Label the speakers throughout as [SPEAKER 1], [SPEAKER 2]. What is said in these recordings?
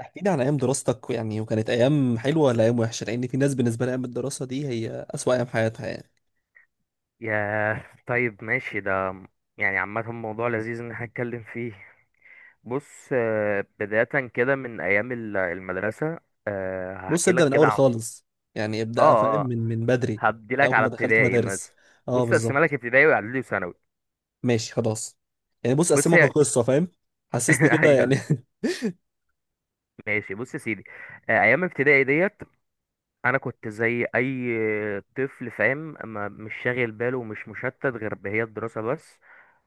[SPEAKER 1] احكي لي عن ايام دراستك يعني، وكانت ايام حلوه ولا ايام وحشه؟ لان في ناس بالنسبه لها ايام الدراسه دي هي اسوأ ايام حياتها يعني.
[SPEAKER 2] ياه، طيب، ماشي ده. يعني عامة، موضوع لذيذ إن احنا نتكلم فيه. بص، بداية كده من أيام المدرسة.
[SPEAKER 1] بص
[SPEAKER 2] هحكي
[SPEAKER 1] ابدا
[SPEAKER 2] لك
[SPEAKER 1] من
[SPEAKER 2] كده
[SPEAKER 1] اول
[SPEAKER 2] عن.
[SPEAKER 1] خالص، يعني
[SPEAKER 2] اه،
[SPEAKER 1] ابدا فاهم،
[SPEAKER 2] اه،
[SPEAKER 1] من بدري،
[SPEAKER 2] هبدي
[SPEAKER 1] من
[SPEAKER 2] لك
[SPEAKER 1] اول
[SPEAKER 2] على
[SPEAKER 1] ما دخلت
[SPEAKER 2] ابتدائي
[SPEAKER 1] مدارس.
[SPEAKER 2] مثلا.
[SPEAKER 1] اه
[SPEAKER 2] بص، أقسمها
[SPEAKER 1] بالظبط،
[SPEAKER 2] لك ابتدائي وإعدادي وثانوي.
[SPEAKER 1] ماشي خلاص. يعني بص
[SPEAKER 2] بص،
[SPEAKER 1] اقسمك القصه فاهم، حسسني كده
[SPEAKER 2] أيوه.
[SPEAKER 1] يعني.
[SPEAKER 2] ماشي، بص يا سيدي. أيام ابتدائي ديت، انا كنت زي اي طفل، فاهم، ما مش شاغل باله ومش مشتت غير بهي الدراسه بس.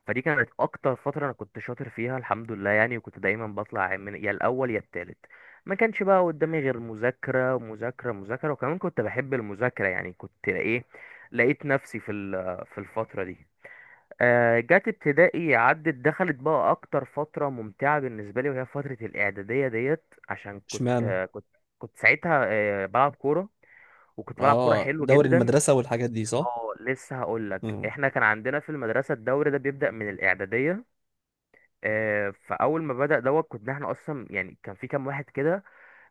[SPEAKER 2] فدي كانت اكتر فتره انا كنت شاطر فيها، الحمد لله، يعني، وكنت دايما بطلع من يا الاول يا التالت. ما كانش بقى قدامي غير مذاكره مذاكره مذاكره، وكمان كنت بحب المذاكره، يعني كنت ايه. لقيت نفسي في الفتره دي. جت ابتدائي، عدت دخلت بقى اكتر فتره ممتعه بالنسبه لي، وهي فتره الاعداديه ديت، عشان
[SPEAKER 1] اشمعنى؟
[SPEAKER 2] كنت كنت ساعتها بلعب كوره، وكنت بلعب كوره
[SPEAKER 1] اه،
[SPEAKER 2] حلو
[SPEAKER 1] دوري
[SPEAKER 2] جدا.
[SPEAKER 1] المدرسه والحاجات دي، صح.
[SPEAKER 2] اه، لسه هقول لك،
[SPEAKER 1] مم.
[SPEAKER 2] احنا كان عندنا في المدرسه الدوري ده بيبدا من الاعداديه. فاول ما بدا دوت، كنا احنا اصلا يعني، كان في كام واحد كده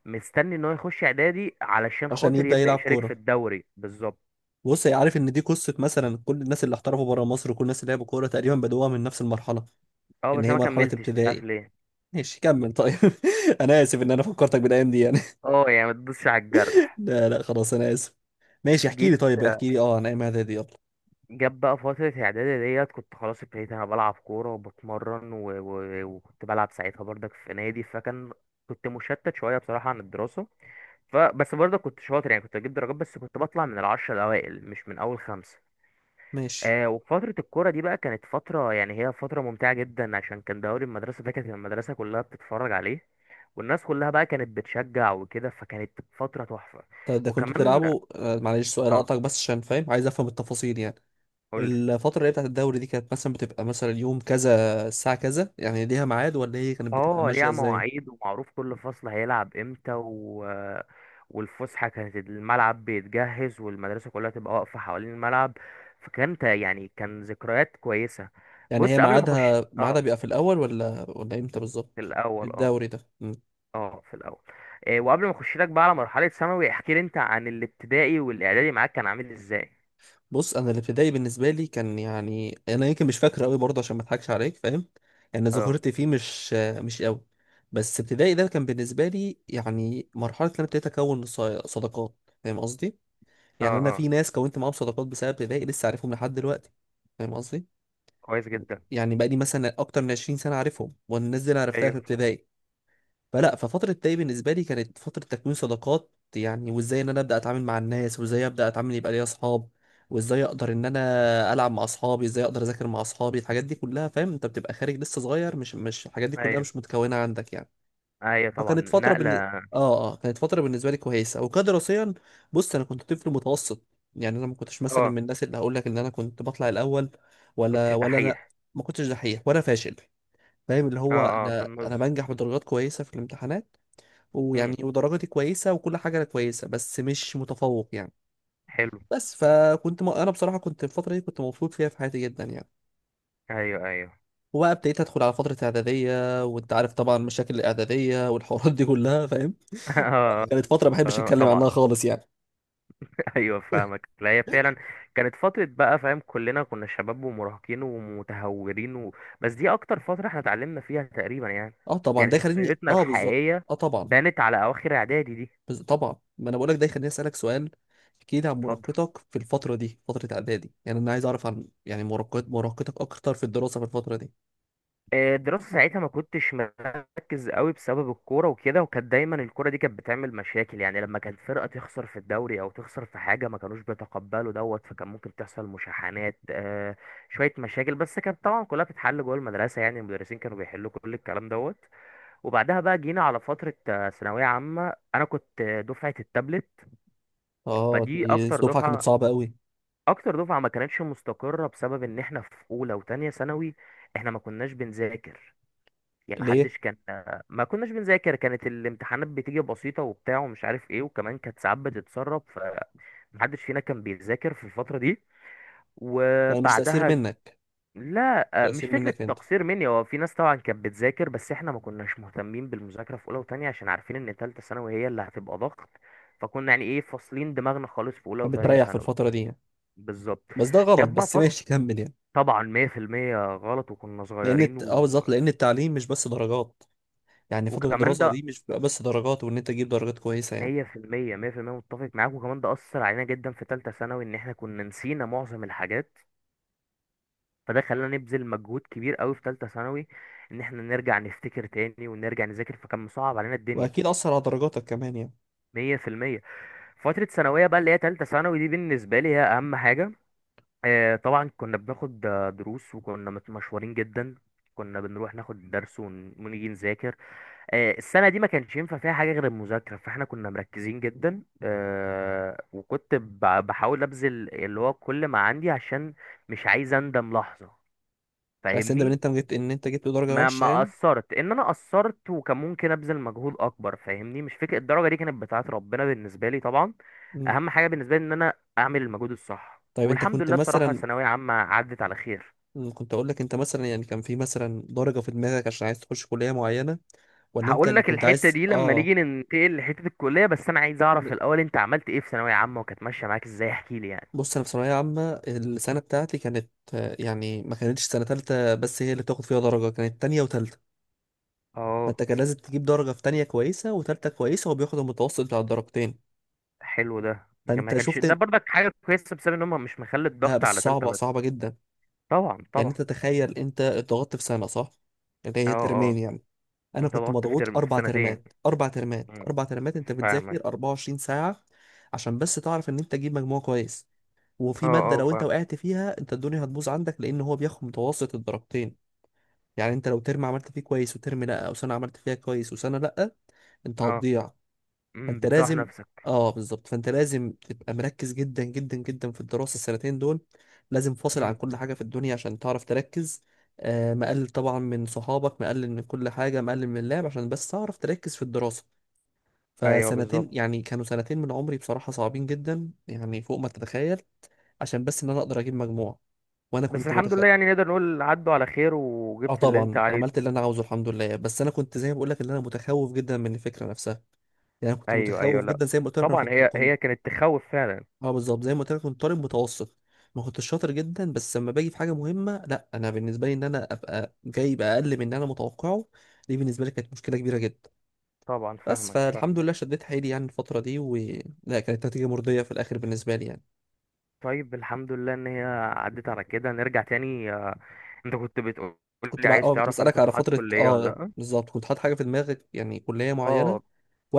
[SPEAKER 2] مستني ان هو يخش اعدادي علشان
[SPEAKER 1] عشان
[SPEAKER 2] خاطر
[SPEAKER 1] يبدا
[SPEAKER 2] يبدا
[SPEAKER 1] يلعب
[SPEAKER 2] يشارك في
[SPEAKER 1] كوره.
[SPEAKER 2] الدوري، بالظبط.
[SPEAKER 1] بص، هي عارف ان دي قصه، مثلا كل الناس اللي احترفوا بره مصر وكل الناس اللي لعبوا كوره تقريبا بدوها من نفس المرحله،
[SPEAKER 2] اه،
[SPEAKER 1] ان
[SPEAKER 2] بس انا
[SPEAKER 1] هي
[SPEAKER 2] ما
[SPEAKER 1] مرحله
[SPEAKER 2] كملتش، مش عارف
[SPEAKER 1] ابتدائي.
[SPEAKER 2] ليه.
[SPEAKER 1] ماشي كمل طيب. انا اسف ان انا فكرتك بالايام دي يعني.
[SPEAKER 2] اه، يعني ما تدوسش على الجرح.
[SPEAKER 1] لا لا، خلاص انا اسف. ماشي، احكي لي
[SPEAKER 2] جيت
[SPEAKER 1] طيب، احكي لي اه عن ايام اعدادي يلا.
[SPEAKER 2] جاب بقى فترة إعدادي ديت، كنت خلاص ابتديت أنا بلعب كورة وبتمرن وكنت بلعب ساعتها برضك في نادي، فكان كنت مشتت شوية بصراحة عن الدراسة. بس برضه كنت شاطر، يعني كنت اجيب درجات، بس كنت بطلع من العشرة الاوائل مش من اول خمسة.
[SPEAKER 1] ماشي.
[SPEAKER 2] وفترة الكورة دي بقى كانت فترة، يعني هي فترة ممتعة جدا، عشان كان دوري المدرسة ده، كانت المدرسة كلها بتتفرج عليه والناس كلها بقى كانت بتشجع وكده، فكانت فترة تحفة.
[SPEAKER 1] طب ده كنت
[SPEAKER 2] وكمان،
[SPEAKER 1] بتلعبه، معلش سؤال
[SPEAKER 2] اه،
[SPEAKER 1] اقطعك بس عشان فاهم، عايز افهم التفاصيل يعني.
[SPEAKER 2] قول.
[SPEAKER 1] الفترة اللي هي بتاعت الدوري دي كانت مثلا بتبقى مثلا يوم كذا الساعة كذا، يعني ليها ميعاد، ولا هي كانت بتبقى
[SPEAKER 2] اه،
[SPEAKER 1] ماشية
[SPEAKER 2] ليها
[SPEAKER 1] ازاي؟
[SPEAKER 2] مواعيد ومعروف كل فصل هيلعب امتى. والفسحة كانت الملعب بيتجهز والمدرسة كلها تبقى واقفة حوالين الملعب، فكانت يعني كان ذكريات كويسة.
[SPEAKER 1] يعني هي
[SPEAKER 2] بص، قبل ما اخش،
[SPEAKER 1] ميعادها
[SPEAKER 2] اه.
[SPEAKER 1] بيبقى في الاول ولا امتى
[SPEAKER 2] في
[SPEAKER 1] بالظبط
[SPEAKER 2] الاول، اه.
[SPEAKER 1] الدوري ده؟
[SPEAKER 2] اه، في الاول. إيه، وقبل ما اخش لك بقى على مرحلة ثانوي، احكي لي انت عن الابتدائي والاعدادي معاك كان عامل ازاي؟
[SPEAKER 1] بص انا الابتدائي بالنسبه لي كان يعني، انا يمكن مش فاكره قوي برضه عشان ما اضحكش عليك فاهم، يعني
[SPEAKER 2] اه،
[SPEAKER 1] ذاكرتي فيه مش قوي. بس ابتدائي ده كان بالنسبه لي يعني مرحله ان انا ابتديت اكون صداقات، فاهم قصدي؟
[SPEAKER 2] اه،
[SPEAKER 1] يعني انا
[SPEAKER 2] اه،
[SPEAKER 1] في ناس كونت معاهم صداقات بسبب ابتدائي لسه عارفهم لحد دلوقتي، فاهم قصدي؟
[SPEAKER 2] كويس جدا.
[SPEAKER 1] يعني بقى لي مثلا اكتر من 20 سنه عارفهم، والناس دي انا عرفتها في
[SPEAKER 2] ايوه.
[SPEAKER 1] ابتدائي. فلا، ففترة داي بالنسبة لي كانت فترة تكوين صداقات يعني، وازاي ان انا ابدا اتعامل مع الناس، وازاي ابدا اتعامل يبقى ليا اصحاب، وازاي اقدر ان انا العب مع اصحابي، ازاي اقدر اذاكر مع اصحابي، الحاجات دي كلها فاهم؟ انت بتبقى خارج لسه صغير، مش الحاجات دي كلها
[SPEAKER 2] ايوه،
[SPEAKER 1] مش متكونة عندك يعني.
[SPEAKER 2] ايوه، طبعا
[SPEAKER 1] فكانت فترة بن...
[SPEAKER 2] نقلة.
[SPEAKER 1] اه اه كانت فترة بالنسبة لي كويسة، وكدراسيا بص انا كنت طفل متوسط، يعني انا ما كنتش مثلا
[SPEAKER 2] اه،
[SPEAKER 1] من الناس اللي هقول لك ان انا كنت بطلع الاول
[SPEAKER 2] كنتش
[SPEAKER 1] ولا انا،
[SPEAKER 2] دحيح.
[SPEAKER 1] ما كنتش دحيح ولا فاشل، فاهم اللي
[SPEAKER 2] اه،
[SPEAKER 1] هو
[SPEAKER 2] اه، في
[SPEAKER 1] انا
[SPEAKER 2] النص.
[SPEAKER 1] بنجح بدرجات كويسة في الامتحانات،
[SPEAKER 2] امم
[SPEAKER 1] ويعني ودرجتي كويسة وكل حاجة أنا كويسة، بس مش متفوق يعني.
[SPEAKER 2] حلو.
[SPEAKER 1] أنا بصراحة كنت الفترة دي كنت مبسوط فيها في حياتي جدا يعني.
[SPEAKER 2] ايوه، ايوه.
[SPEAKER 1] وبقى ابتديت أدخل على فترة إعدادية، وأنت عارف طبعا مشاكل الإعدادية والحوارات دي كلها فاهم،
[SPEAKER 2] آه،
[SPEAKER 1] كانت فترة ما بحبش
[SPEAKER 2] آه،
[SPEAKER 1] أتكلم
[SPEAKER 2] طبعا.
[SPEAKER 1] عنها خالص يعني.
[SPEAKER 2] ايوه، فاهمك. لا، هي فعلا كانت فتره بقى، فاهم، كلنا كنا شباب ومراهقين ومتهورين. بس دي اكتر فتره احنا اتعلمنا فيها تقريبا يعني.
[SPEAKER 1] أه طبعا،
[SPEAKER 2] يعني
[SPEAKER 1] ده يخليني
[SPEAKER 2] شخصيتنا
[SPEAKER 1] أه بالظبط.
[SPEAKER 2] الحقيقيه
[SPEAKER 1] أه طبعا.
[SPEAKER 2] بانت على اواخر اعدادي دي.
[SPEAKER 1] طبعا ما أنا بقول لك ده يخليني أسألك سؤال. احكي لي عن
[SPEAKER 2] اتفضل.
[SPEAKER 1] مراهقتك في الفترة دي، فترة إعدادي يعني، أنا عايز أعرف عن يعني مراهقتك أكتر في الدراسة في الفترة دي.
[SPEAKER 2] الدراسة ساعتها ما كنتش مركز قوي بسبب الكورة وكده، وكانت دايما الكورة دي كانت بتعمل مشاكل، يعني لما كانت فرقة تخسر في الدوري أو تخسر في حاجة ما كانوش بيتقبلوا دوت، فكان ممكن تحصل مشاحنات، شوية مشاكل، بس كانت طبعا كلها بتتحل جوه المدرسة، يعني المدرسين كانوا بيحلوا كل الكلام دوت. وبعدها بقى جينا على فترة ثانوية عامة. أنا كنت دفعة التابلت.
[SPEAKER 1] أه
[SPEAKER 2] فدي
[SPEAKER 1] دي
[SPEAKER 2] أكتر
[SPEAKER 1] الدفعة كانت
[SPEAKER 2] دفعة
[SPEAKER 1] صعبة أوي.
[SPEAKER 2] أكتر دفعة ما كانتش مستقرة بسبب إن إحنا في أولى وتانية ثانوي. إحنا ما كناش بنذاكر، يعني
[SPEAKER 1] ليه؟
[SPEAKER 2] محدش كان. ما كناش بنذاكر، كانت الامتحانات بتيجي بسيطة وبتاع ومش عارف ايه، وكمان كانت ساعات بتتسرب، فمحدش فينا كان بيذاكر في الفترة دي.
[SPEAKER 1] يعني مش تأثير
[SPEAKER 2] وبعدها.
[SPEAKER 1] منك؟
[SPEAKER 2] لا، مش
[SPEAKER 1] تأثير
[SPEAKER 2] فكرة
[SPEAKER 1] منك انت.
[SPEAKER 2] تقصير مني، هو في ناس طبعا كانت بتذاكر، بس احنا ما كناش مهتمين بالمذاكرة في أولى وتانية عشان عارفين إن تالتة ثانوي هي اللي هتبقى ضغط. فكنا يعني ايه، فاصلين دماغنا خالص في أولى وتانية
[SPEAKER 1] فبتريح في
[SPEAKER 2] ثانوي.
[SPEAKER 1] الفترة دي يعني.
[SPEAKER 2] بالظبط.
[SPEAKER 1] بس ده غلط،
[SPEAKER 2] جاب بقى
[SPEAKER 1] بس
[SPEAKER 2] فت-
[SPEAKER 1] ماشي كمل يعني.
[SPEAKER 2] طبعا 100% غلط، وكنا
[SPEAKER 1] لأن
[SPEAKER 2] صغيرين
[SPEAKER 1] اه
[SPEAKER 2] و...
[SPEAKER 1] بالظبط، لأن التعليم مش بس درجات، يعني فترة
[SPEAKER 2] وكمان
[SPEAKER 1] الدراسة
[SPEAKER 2] ده
[SPEAKER 1] دي مش بتبقى بس درجات، وإن أنت تجيب درجات كويسة يعني.
[SPEAKER 2] مية في المية، مية في المية متفق معاك، وكمان ده أثر علينا جدا في تالتة ثانوي، إن إحنا كنا نسينا معظم الحاجات، فده خلانا نبذل مجهود كبير أوي في تالتة ثانوي، إن إحنا نرجع نفتكر تاني ونرجع نذاكر، فكان مصعب علينا الدنيا.
[SPEAKER 1] وأكيد أثر على درجاتك كمان يعني.
[SPEAKER 2] مية في المية. فترة ثانوية بقى، اللي هي تالتة ثانوي دي، بالنسبة لي هي أهم حاجة. طبعا كنا بناخد دروس، وكنا مشوارين جدا، كنا بنروح ناخد درس ونيجي نذاكر. السنة دي ما كانش ينفع فيها حاجة غير المذاكرة، فاحنا كنا مركزين جدا. وكنت بحاول ابذل اللي هو كل ما عندي، عشان مش عايز اندم لحظة،
[SPEAKER 1] مش عايز تندم إن
[SPEAKER 2] فاهمني.
[SPEAKER 1] أنت جبت درجة
[SPEAKER 2] ما
[SPEAKER 1] وحشة
[SPEAKER 2] ما
[SPEAKER 1] يعني.
[SPEAKER 2] قصرت، ان انا قصرت وكان ممكن ابذل مجهود اكبر، فاهمني، مش فكرة الدرجة دي، كانت بتاعت ربنا بالنسبة لي طبعا.
[SPEAKER 1] مم.
[SPEAKER 2] اهم حاجة بالنسبة لي ان انا اعمل المجهود الصح،
[SPEAKER 1] طيب أنت
[SPEAKER 2] والحمد
[SPEAKER 1] كنت
[SPEAKER 2] لله، بصراحة
[SPEAKER 1] مثلا،
[SPEAKER 2] ثانوية عامة عدت على خير.
[SPEAKER 1] كنت أقول لك أنت مثلا يعني كان في مثلا درجة في دماغك عشان عايز تخش كلية معينة، ولا أنت
[SPEAKER 2] هقول
[SPEAKER 1] اللي
[SPEAKER 2] لك
[SPEAKER 1] كنت
[SPEAKER 2] الحتة
[SPEAKER 1] عايز
[SPEAKER 2] دي لما نيجي ننتقل لحتة الكلية، بس أنا عايز أعرف الأول أنت عملت إيه في ثانوية عامة وكانت ماشية معاك إزاي، احكي لي يعني.
[SPEAKER 1] بص انا في ثانويه عامه، السنه بتاعتي كانت يعني ما كانتش سنه تالتة بس هي اللي بتاخد فيها درجه، كانت تانية وتالتة،
[SPEAKER 2] اه،
[SPEAKER 1] فانت كان لازم تجيب درجه في تانية كويسه وتالتة كويسه، وبياخد المتوسط بتاع الدرجتين،
[SPEAKER 2] حلو، ده ما
[SPEAKER 1] فانت
[SPEAKER 2] كانش ده
[SPEAKER 1] شفت؟
[SPEAKER 2] برضك حاجة كويسة بسبب إن هم مش مخلي الضغط على
[SPEAKER 1] بس
[SPEAKER 2] تالتة
[SPEAKER 1] صعبه
[SPEAKER 2] بس.
[SPEAKER 1] صعبه جدا.
[SPEAKER 2] طبعا،
[SPEAKER 1] يعني
[SPEAKER 2] طبعا.
[SPEAKER 1] انت تخيل انت اتضغطت في سنه، صح؟ اللي
[SPEAKER 2] أه،
[SPEAKER 1] هي ترمين
[SPEAKER 2] أه.
[SPEAKER 1] يعني، انا
[SPEAKER 2] أنت
[SPEAKER 1] كنت
[SPEAKER 2] ضغطت في
[SPEAKER 1] مضغوط
[SPEAKER 2] ترم في
[SPEAKER 1] اربع
[SPEAKER 2] سنتين.
[SPEAKER 1] ترمات اربع ترمات
[SPEAKER 2] مم.
[SPEAKER 1] اربع ترمات، انت
[SPEAKER 2] فاهمك.
[SPEAKER 1] بتذاكر 24 ساعه عشان بس تعرف ان انت تجيب مجموع كويس،
[SPEAKER 2] أه،
[SPEAKER 1] وفي ماده
[SPEAKER 2] أه،
[SPEAKER 1] لو انت
[SPEAKER 2] فاهم.
[SPEAKER 1] وقعت فيها، انت الدنيا هتبوظ عندك، لان هو بياخد متوسط الدرجتين. يعني انت لو ترم عملت فيه كويس وترم لا، او سنه عملت فيها كويس وسنه لا، انت
[SPEAKER 2] أه.
[SPEAKER 1] هتضيع. فانت
[SPEAKER 2] بتسوح
[SPEAKER 1] لازم،
[SPEAKER 2] نفسك.
[SPEAKER 1] اه بالظبط، فانت لازم تبقى مركز جدا جدا جدا في الدراسه السنتين دول، لازم فاصل عن
[SPEAKER 2] مم.
[SPEAKER 1] كل حاجه في الدنيا عشان تعرف تركز. مقلل طبعا من صحابك، مقلل من كل حاجه، مقلل من اللعب عشان بس تعرف تركز في الدراسه.
[SPEAKER 2] ايوه،
[SPEAKER 1] فسنتين
[SPEAKER 2] بالظبط.
[SPEAKER 1] يعني كانوا سنتين من عمري بصراحه صعبين جدا، يعني فوق ما تتخيل، عشان بس ان انا اقدر اجيب مجموع. وانا
[SPEAKER 2] بس
[SPEAKER 1] كنت متخ...
[SPEAKER 2] الحمد لله، يعني نقدر نقول عدوا على خير
[SPEAKER 1] اه
[SPEAKER 2] وجبت اللي أنت
[SPEAKER 1] طبعا عملت
[SPEAKER 2] عايزه.
[SPEAKER 1] اللي انا عاوزه الحمد لله، بس انا كنت زي ما بقول لك ان انا متخوف جدا من الفكره نفسها، يعني انا كنت
[SPEAKER 2] ايوه، ايوه،
[SPEAKER 1] متخوف
[SPEAKER 2] لا.
[SPEAKER 1] جدا، زي ما قلت لك انا
[SPEAKER 2] طبعا،
[SPEAKER 1] كنت
[SPEAKER 2] هي
[SPEAKER 1] كنت
[SPEAKER 2] هي كانت تخوف فعلا.
[SPEAKER 1] اه بالظبط زي ما قلت لك كنت طالب متوسط، ما كنتش شاطر جدا، بس لما باجي في حاجه مهمه، لا انا بالنسبه لي ان انا ابقى جايب اقل من اللي انا متوقعه، دي بالنسبه لي كانت مشكله كبيره جدا،
[SPEAKER 2] طبعا،
[SPEAKER 1] بس
[SPEAKER 2] فاهمك
[SPEAKER 1] فالحمد
[SPEAKER 2] فاهمك.
[SPEAKER 1] لله شديت حيلي يعني الفتره دي، و لا كانت نتيجه مرضيه في الاخر بالنسبه لي يعني.
[SPEAKER 2] طيب، الحمد لله ان هي عدت على كده. نرجع تاني، انت كنت بتقول
[SPEAKER 1] كنت
[SPEAKER 2] لي
[SPEAKER 1] بقى
[SPEAKER 2] عايز
[SPEAKER 1] كنت
[SPEAKER 2] تعرف انا
[SPEAKER 1] بسالك
[SPEAKER 2] كنت
[SPEAKER 1] على
[SPEAKER 2] حاطط
[SPEAKER 1] فتره،
[SPEAKER 2] كلية ولا
[SPEAKER 1] اه
[SPEAKER 2] لا.
[SPEAKER 1] بالظبط كنت حاطط حاجه في دماغك يعني كليه معينه،
[SPEAKER 2] اه،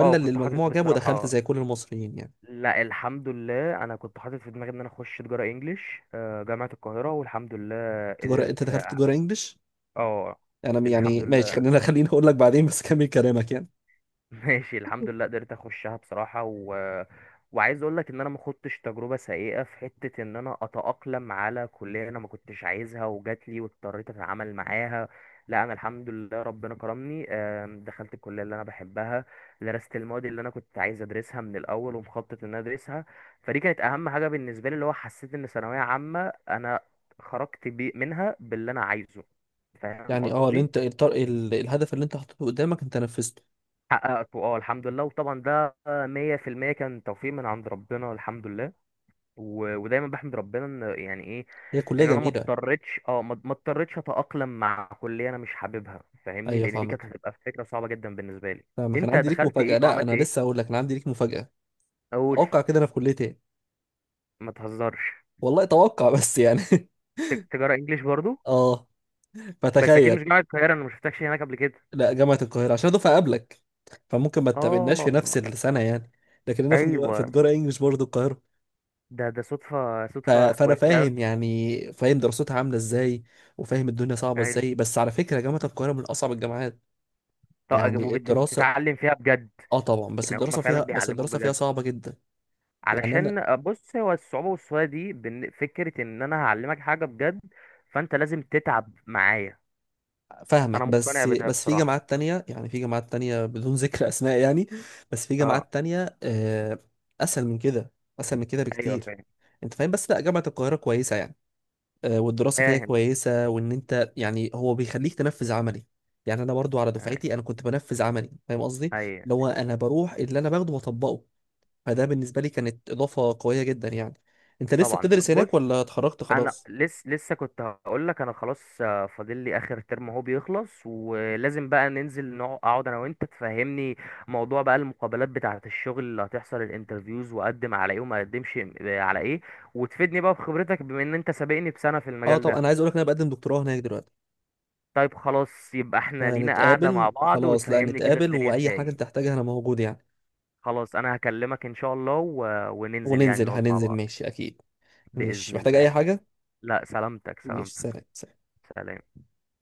[SPEAKER 2] اه،
[SPEAKER 1] اللي
[SPEAKER 2] كنت حاطط
[SPEAKER 1] المجموع جابه دخلت
[SPEAKER 2] بصراحة.
[SPEAKER 1] زي كل المصريين يعني.
[SPEAKER 2] لا، الحمد لله، انا كنت حاطط في دماغي ان انا اخش تجارة انجليش، جامعة القاهرة، والحمد لله
[SPEAKER 1] تجارة، انت
[SPEAKER 2] قدرت.
[SPEAKER 1] دخلت تجارة انجلش؟
[SPEAKER 2] اه،
[SPEAKER 1] انا يعني
[SPEAKER 2] الحمد
[SPEAKER 1] ماشي،
[SPEAKER 2] لله.
[SPEAKER 1] خليني اقول لك بعدين، بس كمل كلامك يعني.
[SPEAKER 2] ماشي، الحمد لله قدرت اخشها بصراحة. وعايز اقول لك ان انا ما خدتش تجربة سيئة في حتة ان انا اتأقلم على كلية انا ما كنتش عايزها وجات لي واضطريت اتعامل معاها. لا، انا الحمد لله ربنا كرمني. دخلت الكلية اللي انا بحبها، درست المواد اللي انا كنت عايز ادرسها من الاول، ومخطط ان انا ادرسها. فدي كانت اهم حاجة بالنسبة لي، اللي هو حسيت ان ثانوية عامة انا خرجت بي منها باللي انا عايزه، فاهم
[SPEAKER 1] يعني اللي
[SPEAKER 2] قصدي؟
[SPEAKER 1] انت الهدف اللي انت حطيته قدامك انت نفذته.
[SPEAKER 2] حققته، اه، الحمد لله. وطبعا ده مية في المية كان توفيق من عند ربنا، الحمد لله، ودايما بحمد ربنا ان يعني ايه.
[SPEAKER 1] هي كلية
[SPEAKER 2] ان انا ما
[SPEAKER 1] جميلة.
[SPEAKER 2] اضطريتش اه ما ما اضطريتش اتأقلم مع كلية انا مش حاببها، فاهمني،
[SPEAKER 1] ايوه
[SPEAKER 2] لان دي
[SPEAKER 1] فاهمك،
[SPEAKER 2] كانت هتبقى فكرة صعبة جدا بالنسبة لي.
[SPEAKER 1] فاهمك. انا
[SPEAKER 2] انت
[SPEAKER 1] عندي ليك
[SPEAKER 2] دخلت ايه
[SPEAKER 1] مفاجأة، لا
[SPEAKER 2] وعملت
[SPEAKER 1] انا
[SPEAKER 2] ايه؟
[SPEAKER 1] لسه هقول لك، انا عندي ليك مفاجأة.
[SPEAKER 2] اقول.
[SPEAKER 1] اتوقع كده انا في كلية ايه؟
[SPEAKER 2] ما تهزرش.
[SPEAKER 1] والله اتوقع بس يعني
[SPEAKER 2] تجارة انجليش برضو.
[SPEAKER 1] اه،
[SPEAKER 2] بس اكيد
[SPEAKER 1] فتخيل.
[SPEAKER 2] مش جامعة القاهرة، انا ما شفتكش هناك قبل كده.
[SPEAKER 1] لا جامعة القاهرة، عشان دفعة قبلك، فممكن ما تقابلناش في نفس
[SPEAKER 2] اه.
[SPEAKER 1] السنة يعني، لكن انا في تجارة في
[SPEAKER 2] ايوه،
[SPEAKER 1] تجارة انجلش برضه القاهرة.
[SPEAKER 2] ده صدفة صدفة
[SPEAKER 1] فانا
[SPEAKER 2] كويسة قوي.
[SPEAKER 1] فاهم يعني، فاهم دراستها عامله ازاي، وفاهم الدنيا صعبه
[SPEAKER 2] ايوه.
[SPEAKER 1] ازاي، بس على فكره جامعه القاهره من اصعب الجامعات.
[SPEAKER 2] طب،
[SPEAKER 1] يعني الدراسه
[SPEAKER 2] وبتتعلم فيها بجد؟
[SPEAKER 1] اه طبعا، بس
[SPEAKER 2] يعني هم
[SPEAKER 1] الدراسه
[SPEAKER 2] فعلا
[SPEAKER 1] فيها بس
[SPEAKER 2] بيعلموك
[SPEAKER 1] الدراسه فيها
[SPEAKER 2] بجد؟
[SPEAKER 1] صعبه جدا. يعني انا
[SPEAKER 2] علشان بص، هو الصعوبة والسهولة دي فكرة ان انا هعلمك حاجة بجد، فانت لازم تتعب معايا. انا
[SPEAKER 1] فاهمك،
[SPEAKER 2] مقتنع
[SPEAKER 1] بس
[SPEAKER 2] بده
[SPEAKER 1] بس في
[SPEAKER 2] بصراحة.
[SPEAKER 1] جامعات تانية، يعني في جامعات تانية بدون ذكر اسماء يعني، بس في
[SPEAKER 2] اه.
[SPEAKER 1] جامعات تانية اسهل من كده، اسهل من كده
[SPEAKER 2] ايوه،
[SPEAKER 1] بكتير.
[SPEAKER 2] فاهم
[SPEAKER 1] انت فاهم؟ بس لا جامعه القاهره كويسه يعني، والدراسة فيها
[SPEAKER 2] فاهم.
[SPEAKER 1] كويسة، وإن أنت يعني هو بيخليك تنفذ عملي، يعني أنا برضو على
[SPEAKER 2] آه.
[SPEAKER 1] دفعتي أنا كنت بنفذ عملي، فاهم قصدي؟ اللي
[SPEAKER 2] ايوه.
[SPEAKER 1] هو أنا بروح اللي أنا باخده وأطبقه، فده بالنسبة لي كانت إضافة قوية جدا يعني. أنت لسه
[SPEAKER 2] طبعا.
[SPEAKER 1] بتدرس
[SPEAKER 2] طب بص،
[SPEAKER 1] هناك ولا اتخرجت
[SPEAKER 2] انا
[SPEAKER 1] خلاص؟
[SPEAKER 2] لسه كنت هقول لك انا خلاص، فاضل لي اخر ترم اهو بيخلص، ولازم بقى ننزل اقعد انا وانت تفهمني موضوع بقى المقابلات بتاعة الشغل اللي هتحصل، الانترفيوز، واقدم على ايه وما اقدمش على ايه، وتفيدني بقى بخبرتك بما ان انت سابقني بسنة في
[SPEAKER 1] أه
[SPEAKER 2] المجال
[SPEAKER 1] طب أنا
[SPEAKER 2] ده.
[SPEAKER 1] عايز أقولك إن أنا بقدم دكتوراه هناك دلوقتي.
[SPEAKER 2] طيب، خلاص، يبقى احنا لينا قاعدة
[SPEAKER 1] هنتقابل
[SPEAKER 2] مع بعض
[SPEAKER 1] خلاص، لا
[SPEAKER 2] وتفهمني كده
[SPEAKER 1] نتقابل،
[SPEAKER 2] الدنيا
[SPEAKER 1] وأي
[SPEAKER 2] فيها
[SPEAKER 1] حاجة
[SPEAKER 2] ايه.
[SPEAKER 1] أنت تحتاجها أنا موجود يعني.
[SPEAKER 2] خلاص، انا هكلمك ان شاء الله. وننزل يعني
[SPEAKER 1] وننزل،
[SPEAKER 2] نقعد مع
[SPEAKER 1] هننزل
[SPEAKER 2] بعض،
[SPEAKER 1] ماشي أكيد. ماشي،
[SPEAKER 2] بإذن
[SPEAKER 1] محتاج
[SPEAKER 2] الله.
[SPEAKER 1] أي حاجة؟
[SPEAKER 2] لا، سلامتك
[SPEAKER 1] ماشي
[SPEAKER 2] سلامتك.
[SPEAKER 1] سلام سلام.
[SPEAKER 2] سلام.